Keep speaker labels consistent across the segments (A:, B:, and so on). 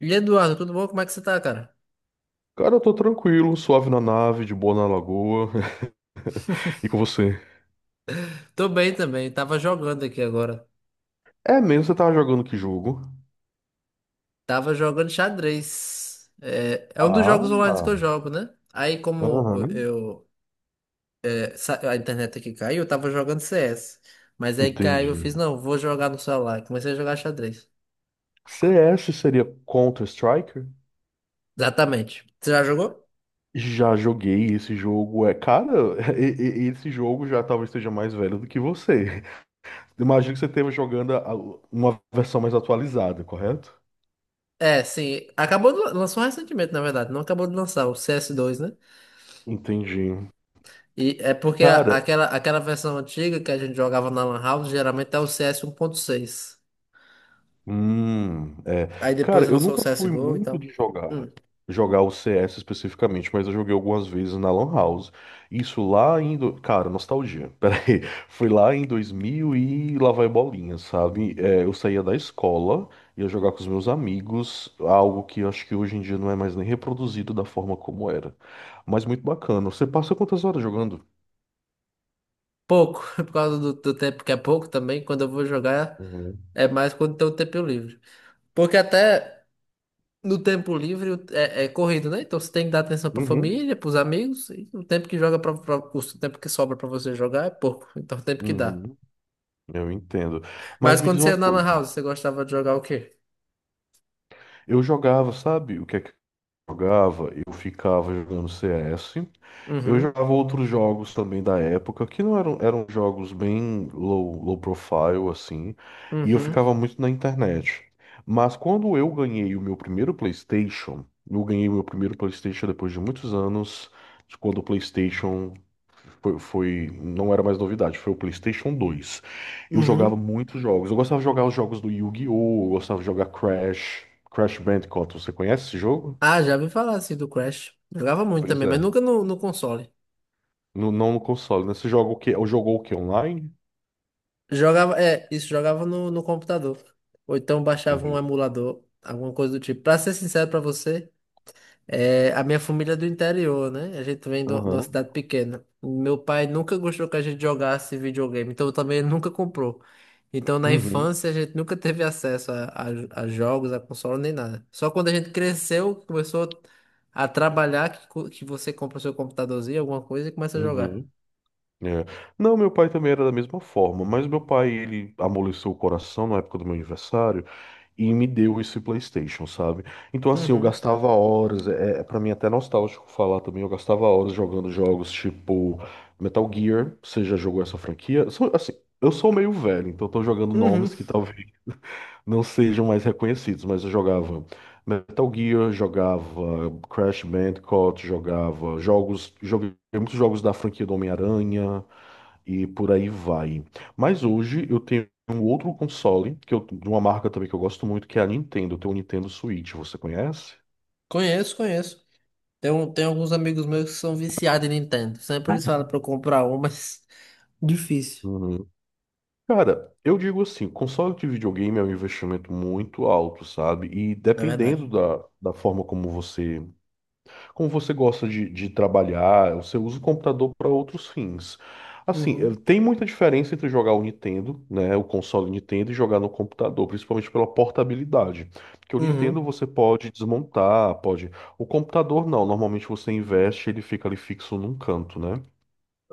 A: Eduardo, tudo bom? Como é que você tá, cara?
B: Cara, eu tô tranquilo, suave na nave, de boa na lagoa. E com você?
A: Tô bem também, tava jogando aqui agora.
B: É mesmo, você tava jogando que jogo?
A: Tava jogando xadrez. É um dos
B: Ah,
A: jogos online que eu jogo, né? Aí como
B: aham.
A: eu, é, sa- A internet aqui caiu, eu tava jogando CS. Mas aí caiu,
B: Entendi.
A: eu fiz, não, vou jogar no celular. E comecei a jogar xadrez.
B: CS seria Counter-Strike?
A: Exatamente. Você já jogou?
B: Já joguei esse jogo. É, cara, esse jogo já talvez esteja mais velho do que você. Imagino que você esteve jogando uma versão mais atualizada, correto?
A: É, sim. Acabou lançou recentemente, na verdade. Não acabou de lançar, o CS2, né?
B: Entendi.
A: E é porque a-
B: Cara.
A: aquela, aquela versão antiga que a gente jogava na Lan House geralmente é o CS 1.6.
B: É.
A: Aí depois
B: Cara, eu
A: lançou o
B: nunca fui
A: CSGO e
B: muito
A: tal.
B: de jogar,
A: Hum,
B: jogar o CS especificamente, mas eu joguei algumas vezes na Lan House. Isso lá em, cara, nostalgia. Pera aí, foi lá em 2000 e lá vai bolinha, sabe? É, eu saía da escola, ia jogar com os meus amigos, algo que eu acho que hoje em dia não é mais nem reproduzido da forma como era. Mas muito bacana. Você passa quantas horas jogando?
A: pouco, por causa do tempo que é pouco também. Quando eu vou jogar,
B: Uhum.
A: é mais quando tem o tempo livre. Porque até no tempo livre é corrido, né? Então você tem que dar atenção pra
B: Uhum.
A: família, pros amigos. E o tempo que joga o tempo que sobra pra você jogar é pouco. Então o tempo que dá.
B: Uhum. Eu entendo. Mas
A: Mas
B: me
A: quando
B: diz
A: você ia
B: uma
A: na Lan
B: coisa.
A: House, você gostava de jogar o quê?
B: Eu jogava, sabe? O que é que jogava, eu ficava jogando CS. Eu
A: Uhum,
B: jogava outros jogos também da época, que não eram, eram jogos bem low profile, assim, e eu
A: uhum,
B: ficava muito na internet. Mas quando eu ganhei o meu primeiro PlayStation, eu ganhei o meu primeiro PlayStation depois de muitos anos, de quando o PlayStation não era mais novidade, foi o PlayStation dois. Eu jogava
A: uhum.
B: muitos jogos. Eu gostava de jogar os jogos do Yu-Gi-Oh! Eu gostava de jogar Crash, Crash Bandicoot. Você conhece esse jogo?
A: Ah, já ouvi falar assim do Crash. Jogava muito
B: Pois
A: também, mas
B: é.
A: nunca no console.
B: Não no console, né? Você joga o quê? Ou jogou o quê? Online?
A: Jogava, é, isso jogava no computador. Ou então baixava um
B: Entendi.
A: emulador, alguma coisa do tipo. Pra ser sincero pra você, a minha família é do interior, né? A gente vem de uma
B: Aham.
A: cidade pequena. Meu pai nunca gostou que a gente jogasse videogame, então também ele nunca comprou. Então na
B: Uhum.
A: infância a gente nunca teve acesso a jogos, a console, nem nada. Só quando a gente cresceu, começou a trabalhar, que você compra o seu computadorzinho, alguma coisa e começa a jogar.
B: Uhum. É. Não, meu pai também era da mesma forma, mas meu pai, ele amoleceu o coração na época do meu aniversário e me deu esse PlayStation, sabe? Então, assim, eu
A: Uhum,
B: gastava horas, para mim é até nostálgico falar também, eu gastava horas jogando jogos tipo Metal Gear, você já jogou essa franquia? Assim, eu sou meio velho, então eu tô jogando
A: uhum.
B: nomes que talvez não sejam mais reconhecidos, mas eu jogava Metal Gear, jogava Crash Bandicoot, jogava jogos, joguei muitos jogos da franquia do Homem-Aranha e por aí vai. Mas hoje eu tenho um outro console de uma marca também que eu gosto muito, que é a Nintendo. Eu tenho o Nintendo Switch, você conhece?
A: Conheço, conheço. Tem alguns amigos meus que são viciados em Nintendo. Sempre
B: Ah,
A: eles falam pra eu comprar um, mas difícil.
B: uhum. Cara, eu digo assim, console de videogame é um investimento muito alto, sabe? E
A: É verdade.
B: dependendo da forma como você. Como você gosta de, trabalhar, você usa o computador para outros fins. Assim, eh,
A: Uhum.
B: tem muita diferença entre jogar o Nintendo, né, o console Nintendo, e jogar no computador, principalmente pela portabilidade. Porque o
A: Uhum.
B: Nintendo você pode desmontar, pode. O computador não, normalmente você investe, ele fica ali fixo num canto, né?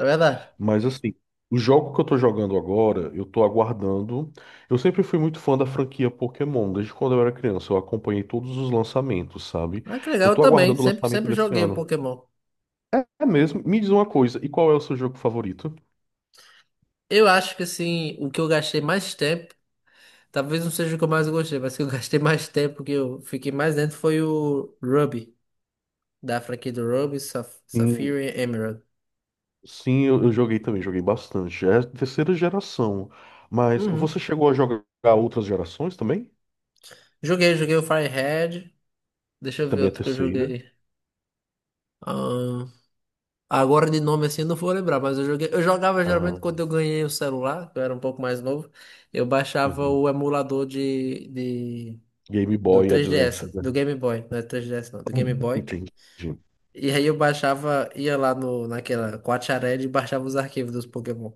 A: É verdade.
B: Mas assim, o jogo que eu tô jogando agora, eu tô aguardando. Eu sempre fui muito fã da franquia Pokémon, desde quando eu era criança, eu acompanhei todos os lançamentos, sabe?
A: Ah, que
B: Eu
A: legal, eu
B: tô
A: também.
B: aguardando o
A: Sempre,
B: lançamento
A: sempre
B: desse
A: joguei o
B: ano.
A: Pokémon.
B: É mesmo. Me diz uma coisa, e qual é o seu jogo favorito?
A: Eu acho que assim, o que eu gastei mais tempo, talvez não seja o que eu mais gostei, mas que eu gastei mais tempo, que eu fiquei mais dentro, foi o Ruby, da franquia do Ruby, Saf-
B: Hum.
A: Sapphire e Emerald.
B: Sim, eu joguei também, joguei bastante. É terceira geração. Mas
A: Uhum.
B: você chegou a jogar outras gerações também?
A: Joguei o Fire Red. Deixa
B: Que
A: eu ver
B: também é
A: outro que eu
B: terceira.
A: joguei. Agora de nome assim eu não vou lembrar, mas eu jogava geralmente
B: Aham,
A: quando eu ganhei o celular, que eu era um pouco mais novo, eu baixava
B: uhum.
A: o emulador de
B: Game
A: do
B: Boy Advance,
A: 3DS,
B: né?
A: do Game Boy, não é 3DS não, do Game Boy.
B: Entendi.
A: E aí eu baixava, ia lá no naquela Quatiarelli e baixava os arquivos dos Pokémon.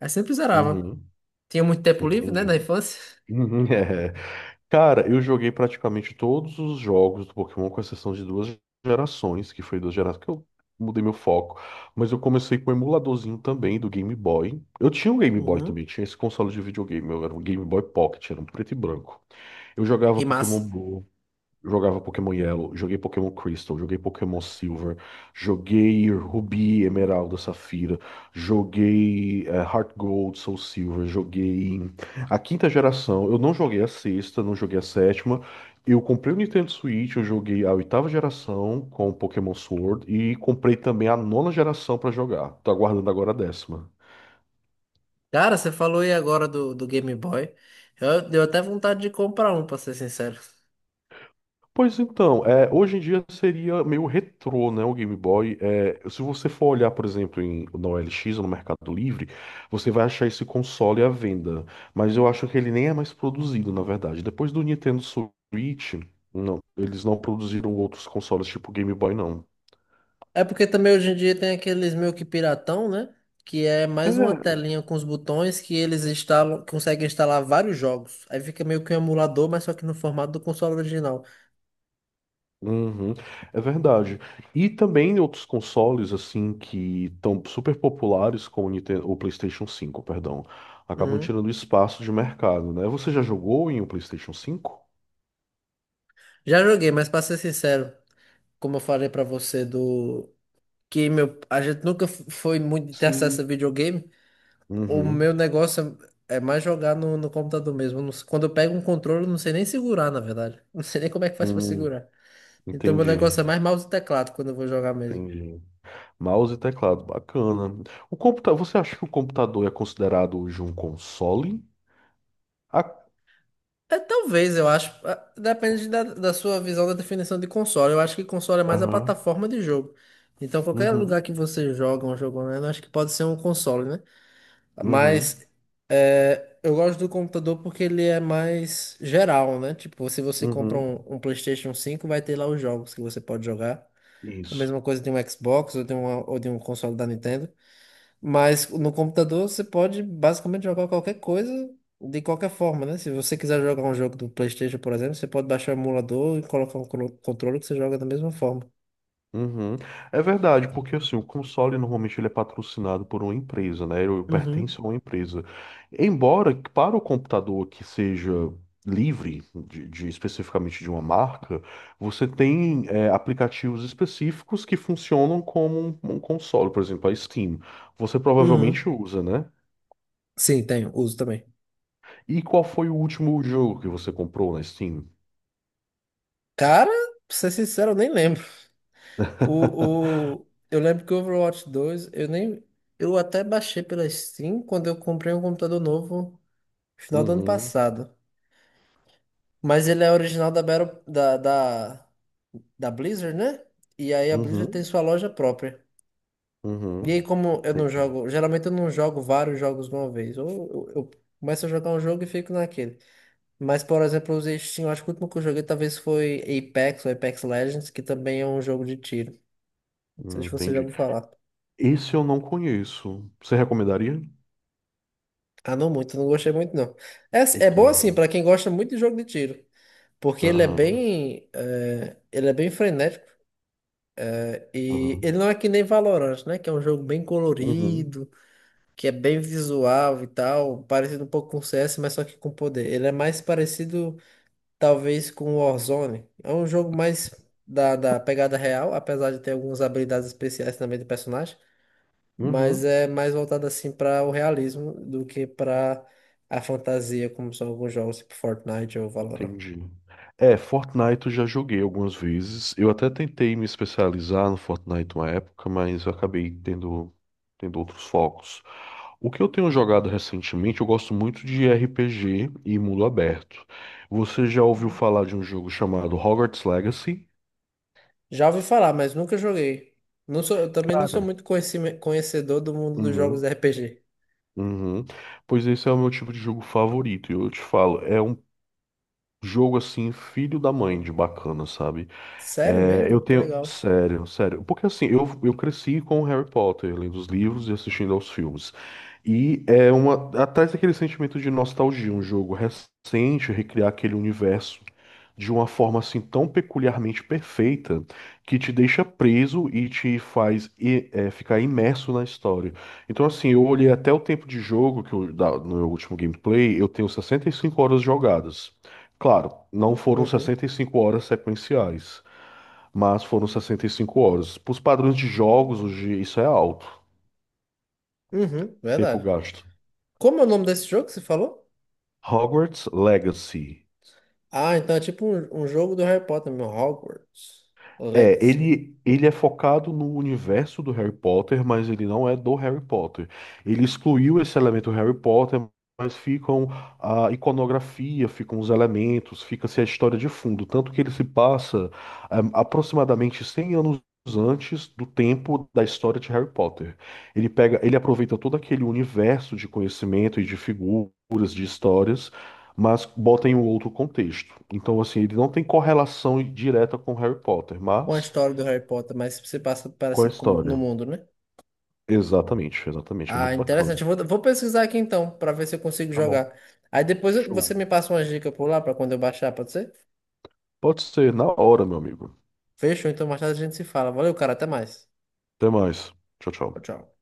A: Aí sempre zerava.
B: Uhum,
A: Tinha muito tempo livre, né, na
B: entendi.
A: infância.
B: Uhum. Cara, eu joguei praticamente todos os jogos do Pokémon, com exceção de duas gerações, que foi duas gerações que eu mudei meu foco. Mas eu comecei com o emuladorzinho também do Game Boy. Eu tinha um Game Boy
A: Uhum.
B: também, tinha esse console de videogame, eu era um Game Boy Pocket, era um preto e branco. Eu jogava
A: Que
B: Pokémon
A: massa.
B: Go. Jogava Pokémon Yellow, joguei Pokémon Crystal, joguei Pokémon Silver, joguei Rubi, Emeralda, Safira, joguei Heart Gold, Soul Silver, joguei a quinta geração. Eu não joguei a sexta, não joguei a sétima. Eu comprei o Nintendo Switch, eu joguei a oitava geração com Pokémon Sword e comprei também a nona geração pra jogar. Tô aguardando agora a décima.
A: Cara, você falou aí agora do Game Boy. Deu até vontade de comprar um, pra ser sincero.
B: Pois então, é, hoje em dia seria meio retrô, né, o Game Boy. É, se você for olhar, por exemplo, em, na OLX ou no Mercado Livre, você vai achar esse console à venda. Mas eu acho que ele nem é mais produzido, na verdade. Depois do Nintendo Switch, não, eles não produziram outros consoles tipo Game Boy, não.
A: É porque também hoje em dia tem aqueles meio que piratão, né? Que é mais uma telinha com os botões que eles instalam, conseguem instalar vários jogos. Aí fica meio que um emulador, mas só que no formato do console original.
B: Uhum, é verdade. E também em outros consoles assim que estão super populares como o Nintendo, o PlayStation cinco, perdão, acabam
A: Hum.
B: tirando espaço de mercado, né? Você já jogou em um PlayStation cinco?
A: Já joguei, mas pra ser sincero, como eu falei pra você a gente nunca foi muito de ter acesso a
B: Sim.
A: videogame. O meu
B: Uhum.
A: negócio é mais jogar no computador mesmo. Eu não sei- Quando eu pego um controle, eu não sei nem segurar, na verdade. Não sei nem como é que faz pra
B: Hum,
A: segurar. Então meu negócio é
B: entendi,
A: mais mouse e teclado quando eu vou jogar mesmo.
B: entendi. Mouse e teclado, bacana. O computa, você acha que o computador é considerado hoje um console? Ah,
A: É, talvez, eu acho. Depende da sua visão da definição de console. Eu acho que console é mais a
B: aham.
A: plataforma de jogo. Então, qualquer
B: Uhum,
A: lugar que você joga um jogo online, eu acho que pode ser um console, né?
B: uhum,
A: Mas eu gosto do computador porque ele é mais geral, né? Tipo, se você compra
B: uhum.
A: um PlayStation 5, vai ter lá os jogos que você pode jogar. A
B: Isso.
A: mesma coisa de um Xbox ou ou de um console da Nintendo. Mas no computador você pode basicamente jogar qualquer coisa de qualquer forma, né? Se você quiser jogar um jogo do PlayStation, por exemplo, você pode baixar o emulador e colocar um controle que você joga da mesma forma.
B: Uhum. É verdade, porque assim, o console normalmente ele é patrocinado por uma empresa, né? Ele
A: Uhum,
B: pertence a uma empresa. Embora que para o computador que seja livre, especificamente de uma marca, você tem é, aplicativos específicos que funcionam como um console, por exemplo, a Steam. Você
A: uhum.
B: provavelmente usa, né?
A: Sim, tenho, uso também.
B: E qual foi o último jogo que você comprou na Steam?
A: Cara, pra ser sincero, eu nem lembro. Eu lembro que o Overwatch 2, eu nem. Eu até baixei pela Steam quando eu comprei um computador novo no final do ano
B: Uhum,
A: passado. Mas ele é original da Battle, da, da, da Blizzard, né? E aí a Blizzard tem
B: uhum,
A: sua loja própria. E
B: uhum.
A: aí, como eu não
B: Entendi.
A: jogo, geralmente eu não jogo vários jogos de uma vez. Ou eu começo a jogar um jogo e fico naquele. Mas, por exemplo, eu usei Steam, eu acho que o último que eu joguei talvez foi Apex, ou Apex Legends, que também é um jogo de tiro. Não sei se você já
B: Entendi.
A: ouviu falar.
B: Esse eu não conheço. Você recomendaria?
A: Ah, não muito, não gostei muito, não. É bom
B: Entendi.
A: assim, pra quem gosta muito de jogo de tiro. Porque ele é
B: Aham,
A: bem, eh, ele é bem frenético. E
B: aham.
A: ele não é que nem Valorant, né? Que é um jogo bem
B: Uhum,
A: colorido, que é bem visual e tal, parecido um pouco com CS, mas só que com poder. Ele é mais parecido, talvez, com Warzone. É um jogo mais da pegada real, apesar de ter algumas habilidades especiais também do personagem, mas
B: uhum.
A: é mais voltado assim para o realismo do que para a fantasia, como são alguns jogos tipo Fortnite ou Valorant.
B: Entendi. É, Fortnite eu já joguei algumas vezes. Eu até tentei me especializar no Fortnite uma época, mas eu acabei tendo outros focos. O que eu tenho jogado recentemente, eu gosto muito de RPG e mundo aberto. Você já ouviu falar de um jogo chamado Hogwarts Legacy?
A: Já ouvi falar, mas nunca joguei. Eu também não sou
B: Cara.
A: muito conhecedor do mundo dos jogos
B: Uhum,
A: RPG.
B: uhum. Pois esse é o meu tipo de jogo favorito. E eu te falo, é um jogo assim, filho da mãe de bacana, sabe?
A: Sério
B: É, eu
A: mesmo? Que
B: tenho.
A: legal.
B: Sério, sério. Porque assim, eu cresci com o Harry Potter, lendo os livros e assistindo aos filmes. E é uma. Atrás daquele sentimento de nostalgia, um jogo recente, recriar aquele universo de uma forma assim tão peculiarmente perfeita que te deixa preso e te faz ficar imerso na história. Então, assim, eu olhei até o tempo de jogo no meu último gameplay, eu tenho 65 horas jogadas. Claro, não foram
A: Uhum.
B: 65 horas sequenciais, mas foram 65 horas. Para os padrões de jogos, hoje isso é alto,
A: Uhum,
B: tempo
A: verdade.
B: gasto.
A: Como é o nome desse jogo que você falou?
B: Hogwarts Legacy.
A: Ah, então é tipo um jogo do Harry Potter, meu Hogwarts
B: É,
A: Legacy.
B: ele é focado no universo do Harry Potter, mas ele não é do Harry Potter. Ele excluiu esse elemento Harry Potter, mas ficam a iconografia, ficam os elementos, fica-se a história de fundo. Tanto que ele se passa aproximadamente 100 anos antes do tempo da história de Harry Potter. Ele pega, ele aproveita todo aquele universo de conhecimento e de figuras, de histórias, mas bota em um outro contexto. Então, assim, ele não tem correlação direta com Harry Potter,
A: Uma
B: mas
A: história do Harry Potter, mas se passa
B: com a
A: parecido no
B: história.
A: mundo, né?
B: Exatamente, exatamente. É
A: Ah,
B: muito bacana.
A: interessante. Eu vou pesquisar aqui então, pra ver se eu consigo
B: Tá bom.
A: jogar. Aí depois
B: Show.
A: você me passa uma dica por lá pra quando eu baixar, pode ser?
B: Pode ser na hora, meu amigo.
A: Fechou, então mais tarde a gente se fala. Valeu, cara, até mais.
B: Até mais. Tchau,
A: Tchau,
B: tchau.
A: tchau.